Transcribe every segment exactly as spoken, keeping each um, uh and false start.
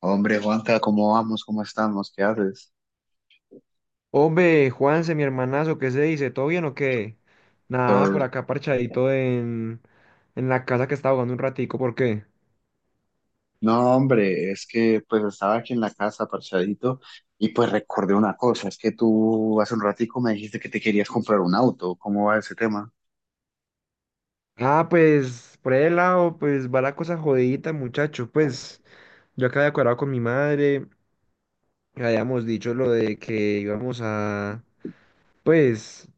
Hombre, Juanca, ¿cómo vamos? ¿Cómo estamos? ¿Qué haces? Hombre, Juanse, mi hermanazo, ¿qué se dice? ¿Todo bien o qué? Nada, por Todo- acá parchadito en, en la casa que estaba jugando un ratico, ¿por qué? No, hombre, es que pues estaba aquí en la casa parchadito y pues recordé una cosa, es que tú hace un ratico me dijiste que te querías comprar un auto, ¿cómo va ese tema? Ah, pues, por el lado, pues va la cosa jodidita, muchacho. Pues, yo acá de acuerdo con mi madre, que habíamos dicho lo de que íbamos a, pues,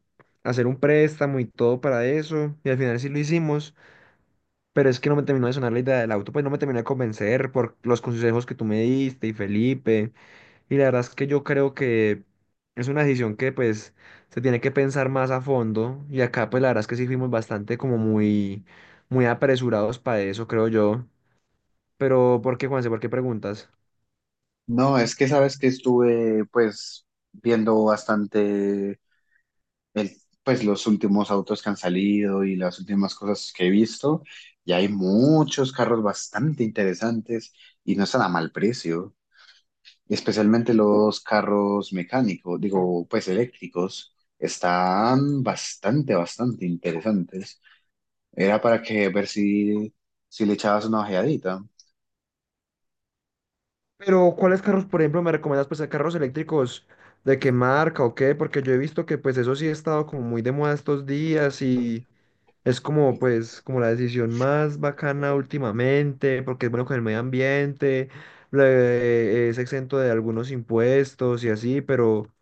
hacer un préstamo y todo para eso, y al final sí lo hicimos, pero es que no me terminó de sonar la idea del auto, pues no me terminó de convencer por los consejos que tú me diste y Felipe. Y la verdad es que yo creo que es una decisión que pues se tiene que pensar más a fondo y acá pues la verdad es que sí fuimos bastante como muy, muy apresurados para eso, creo yo. Pero ¿por qué, Juanse? ¿Por qué preguntas? No, es que sabes que estuve pues viendo bastante el, pues los últimos autos que han salido y las últimas cosas que he visto y hay muchos carros bastante interesantes y no están a mal precio. Especialmente los carros mecánicos, digo, pues eléctricos, están bastante, bastante interesantes. Era para que ver si, si le echabas una ojeadita. Pero ¿cuáles carros, por ejemplo, me recomiendas pues carros eléctricos de qué marca o qué? Porque yo he visto que pues eso sí ha estado como muy de moda estos días. Y es como, pues, como la decisión más bacana últimamente, porque es bueno con el medio ambiente, le- es exento de algunos impuestos y así, pero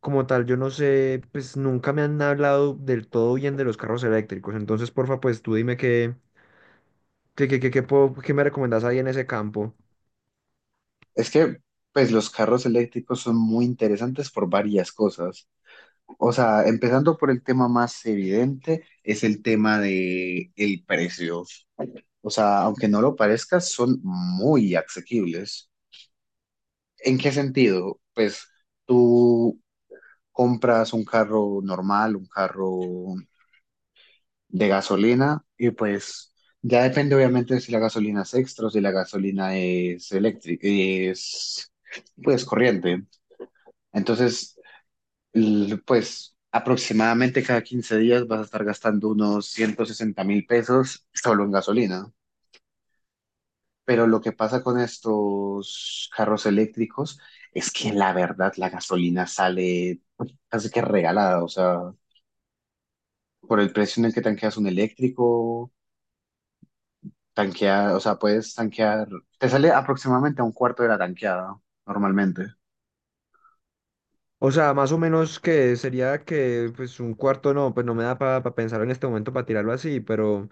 como tal, yo no sé, pues nunca me han hablado del todo bien de los carros eléctricos. Entonces, porfa, pues tú dime qué, qué, qué, qué, qué puedo- qué me recomendás ahí en ese campo. Es que, pues, los carros eléctricos son muy interesantes por varias cosas. O sea, empezando por el tema más evidente, es el tema de el precio. O sea, aunque no lo parezca, son muy asequibles. ¿En qué sentido? Pues tú compras un carro normal, un carro de gasolina y pues ya depende obviamente de si la gasolina es extra o si la gasolina es eléctrica, es pues corriente. Entonces, l- pues aproximadamente cada quince días vas a estar gastando unos ciento sesenta mil pesos solo en gasolina. Pero lo que pasa con estos carros eléctricos es que la verdad la gasolina sale casi que regalada, o sea, por el precio en el que tanqueas un eléctrico, tanquear, o sea, puedes tanquear, te sale aproximadamente a un cuarto de la tanqueada normalmente. O sea, más o menos que sería que, pues, un cuarto no, pues no me da para pensar en este momento para tirarlo así, pero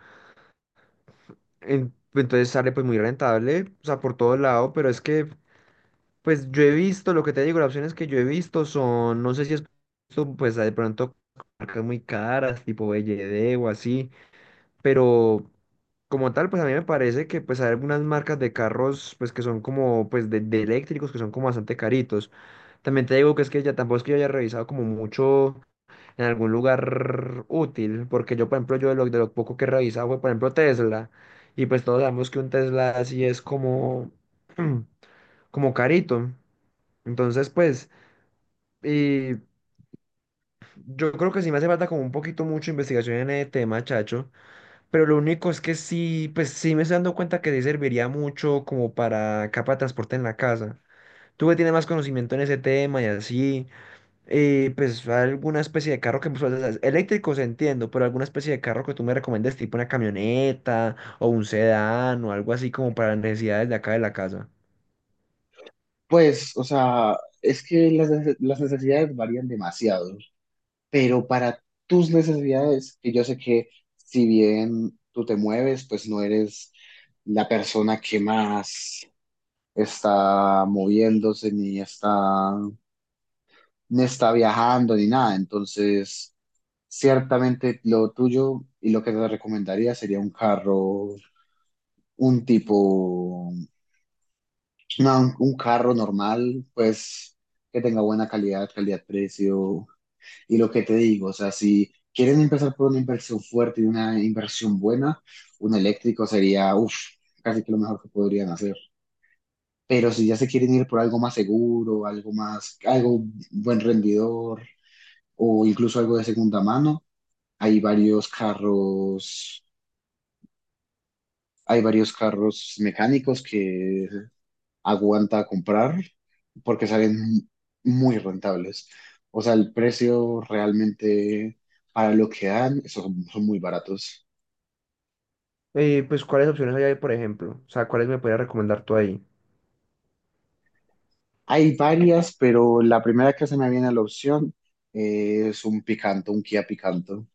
en- entonces sale pues muy rentable, o sea, por todo lado, pero es que, pues yo he visto, lo que te digo, las opciones que yo he visto son, no sé si es, visto, pues de pronto marcas muy caras, tipo B Y D o así, pero como tal, pues a mí me parece que pues hay algunas marcas de carros, pues que son como, pues de, de eléctricos, que son como bastante caritos. También te digo que es que ya tampoco es que yo haya revisado como mucho en algún lugar útil, porque yo, por ejemplo, yo de lo, de lo poco que he revisado fue, por ejemplo, Tesla, y pues todos sabemos que un Tesla así es como, como carito. Entonces, pues, y yo creo que sí me hace falta como un poquito mucho investigación en el tema, chacho, pero lo único es que sí, pues sí me estoy dando cuenta que sí serviría mucho como para capa de transporte en la casa. Tú que tienes más conocimiento en ese tema y así. Y pues alguna especie de carro que pues, o sea, eléctricos entiendo, pero alguna especie de carro que tú me recomiendes, tipo una camioneta o un sedán o algo así como para las necesidades de acá de la casa. Pues, o sea, es que las, nece- las necesidades varían demasiado, pero para tus necesidades, que yo sé que si bien tú te mueves, pues no eres la persona que más está moviéndose, ni está, ni está viajando, ni nada, entonces ciertamente lo tuyo y lo que te recomendaría sería un carro, un tipo, no un un carro normal, pues que tenga buena calidad, calidad-precio. Y lo que te digo, o sea, si quieren empezar por una inversión fuerte y una inversión buena, un eléctrico sería, uff, casi que lo mejor que podrían hacer. Pero si ya se quieren ir por algo más seguro, algo más, algo buen rendidor o incluso algo de segunda mano, hay varios carros hay varios carros mecánicos que aguanta comprar porque salen muy rentables. O sea, el precio realmente para lo que dan son, son muy baratos. Eh, pues, ¿cuáles opciones hay ahí, por ejemplo? O sea, ¿cuáles me podrías recomendar tú ahí? Hay varias, pero la primera que se me viene a la opción eh, es un Picanto, un Kia Picanto.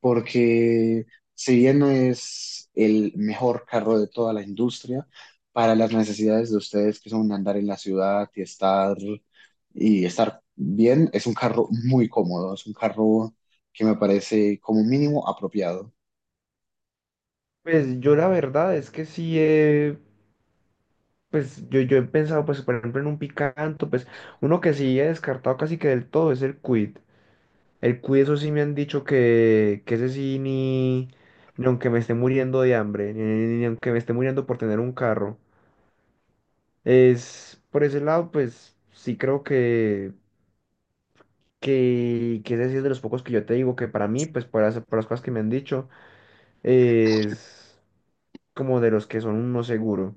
Porque si bien no es el mejor carro de toda la industria, para las necesidades de ustedes que son andar en la ciudad y estar y estar bien, es un carro muy cómodo, es un carro que me parece como mínimo apropiado. Pues yo la verdad es que sí, eh, pues yo, yo he pensado, pues, por ejemplo, en un picanto, pues uno que sí he descartado casi que del todo es el Quid. El cuy, eso sí me han dicho que, que ese sí ni, ni aunque me esté muriendo de hambre, ni, ni aunque me esté muriendo por tener un carro. Es, por ese lado, pues sí creo que, que, que, ese sí es de los pocos que yo te digo que para mí, pues por las, por las cosas que me han dicho, es como de los que son un no seguro.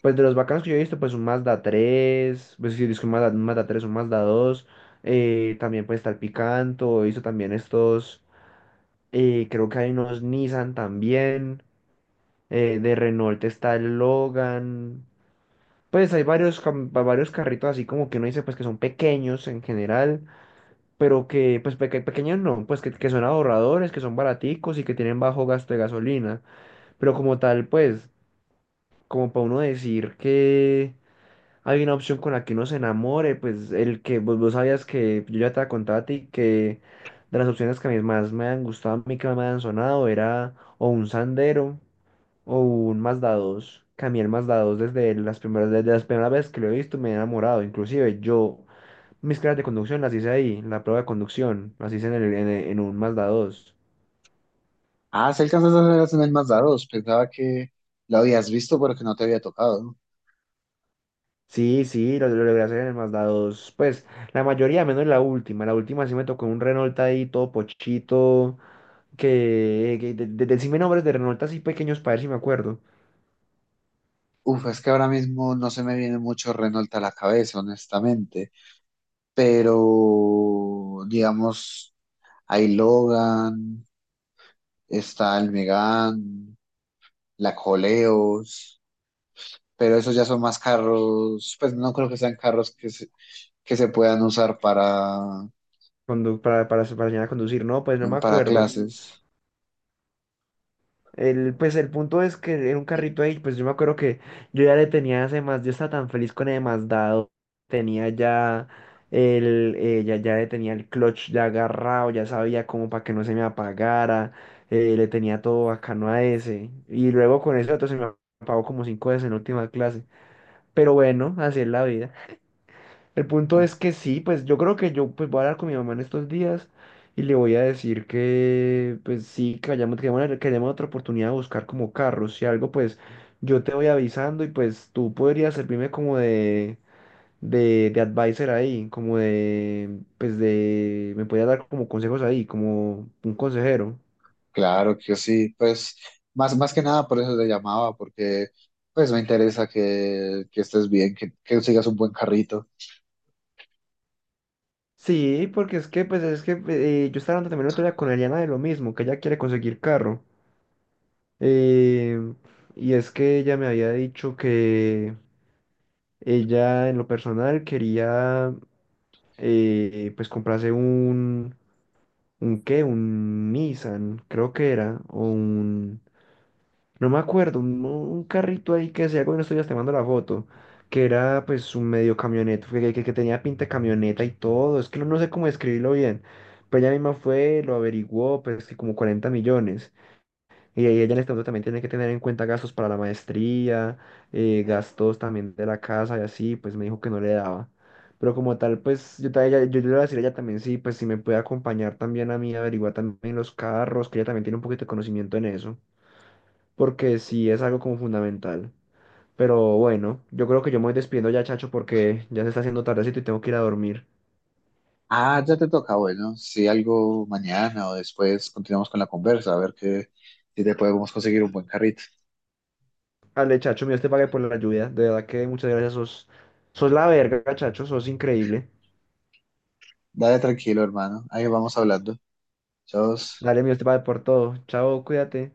Pues de los bacanos que yo he visto, pues un Mazda tres pues sí, disco un Mazda, un Mazda tres un Mazda dos, eh, también pues está el Picanto, hizo también estos. Eh, creo que hay unos Nissan también. Eh, de Renault está el Logan. Pues hay varios, cam- va- varios carritos así como que uno dice pues que son pequeños en general, pero que pues peque- pequeños no, pues que, que son ahorradores, que son baraticos y que tienen bajo gasto de gasolina. Pero como tal, pues, como para uno decir que hay una opción con la que uno se enamore, pues el que vos, vos sabías que yo ya te contaba a ti que de las opciones que a mí más me han gustado, a mí que me han sonado era o un Sandero o un Mazda dos, que a mí el Mazda dos desde las primeras, desde las primeras veces que lo he visto me he enamorado, inclusive yo mis clases de conducción las hice ahí, la prueba de conducción las hice en, el- en, el- en un Mazda dos. Ah, si alcanzas a hacer las en el Mazda, pensaba que lo habías visto pero que no te había tocado. Sí, sí, lo, lo logré hacer en el Mazda dos, pues la mayoría, menos la última, la última sí me tocó un Renault ahí todo pochito, que, que de, de, decime nombres de Renault así pequeños para ver si me acuerdo, Uf, es que ahora mismo no se me viene mucho Renault a la cabeza, honestamente, pero digamos, hay Logan, está el Megane, la Coleos, pero esos ya son más carros, pues no creo que sean carros que se, que se puedan usar para, cuando, para, para, para enseñar a conducir, no, pues no ¿no? me para acuerdo. clases. El, pues el punto es que era un carrito ahí, pues yo me acuerdo que yo ya le tenía ese más, yo estaba tan feliz con el dado tenía ya el, eh, ya, ya le tenía el clutch ya agarrado, ya sabía cómo para que no se me apagara, eh, le tenía todo bacano a ese, y luego con ese otro se me apagó como cinco veces en la última clase, pero bueno, así es la vida. El punto es que sí, pues yo creo que yo pues voy a hablar con mi mamá en estos días y le voy a decir que pues sí, que hayamos, que hayamos- que hayamos otra oportunidad de buscar como carros. Si algo, pues yo te voy avisando y pues tú podrías servirme como de, de, de advisor ahí, como de, pues de, me podrías dar como consejos ahí, como un consejero. Claro que sí, pues más, más que nada por eso te llamaba, porque pues me interesa que, que estés bien, que, que sigas un buen carrito. Sí, porque es que pues es que eh, yo estaba hablando también el otro día con Eliana de lo mismo, que ella quiere conseguir carro. Eh, y es que ella me había dicho que ella en lo personal quería eh, pues comprarse un, un qué, un Nissan, creo que era, o un, no me acuerdo, un, un carrito ahí que se bueno, estoy ya te mando la foto, que era pues un medio camioneta, que, que, que tenía pinta de camioneta y todo, es que no, no sé cómo describirlo bien, pero ella misma fue, lo averiguó, pues que como cuarenta millones. Y ahí ella en este momento también tiene que tener en cuenta gastos para la maestría, eh, gastos también de la casa y así, pues me dijo que no le daba. Pero como tal, pues yo, ta- ella- yo, yo le iba a decir a ella también, sí, pues si me puede acompañar también a mí, averiguar también los carros, que ella también tiene un poquito de conocimiento en eso, porque sí es algo como fundamental. Pero bueno, yo creo que yo me voy despidiendo ya, Chacho, porque ya se está haciendo tardecito y tengo que ir a dormir. Ah, ya te toca, bueno, si algo mañana o después continuamos con la conversa, a ver que, si te podemos conseguir un buen carrito. Ale, Chacho, mío, te pague por la ayuda. De verdad que muchas gracias, sos, sos la verga, Chacho, sos increíble. Dale tranquilo, hermano, ahí vamos hablando. Chao. Dale, mío te va por todo. Chao, cuídate.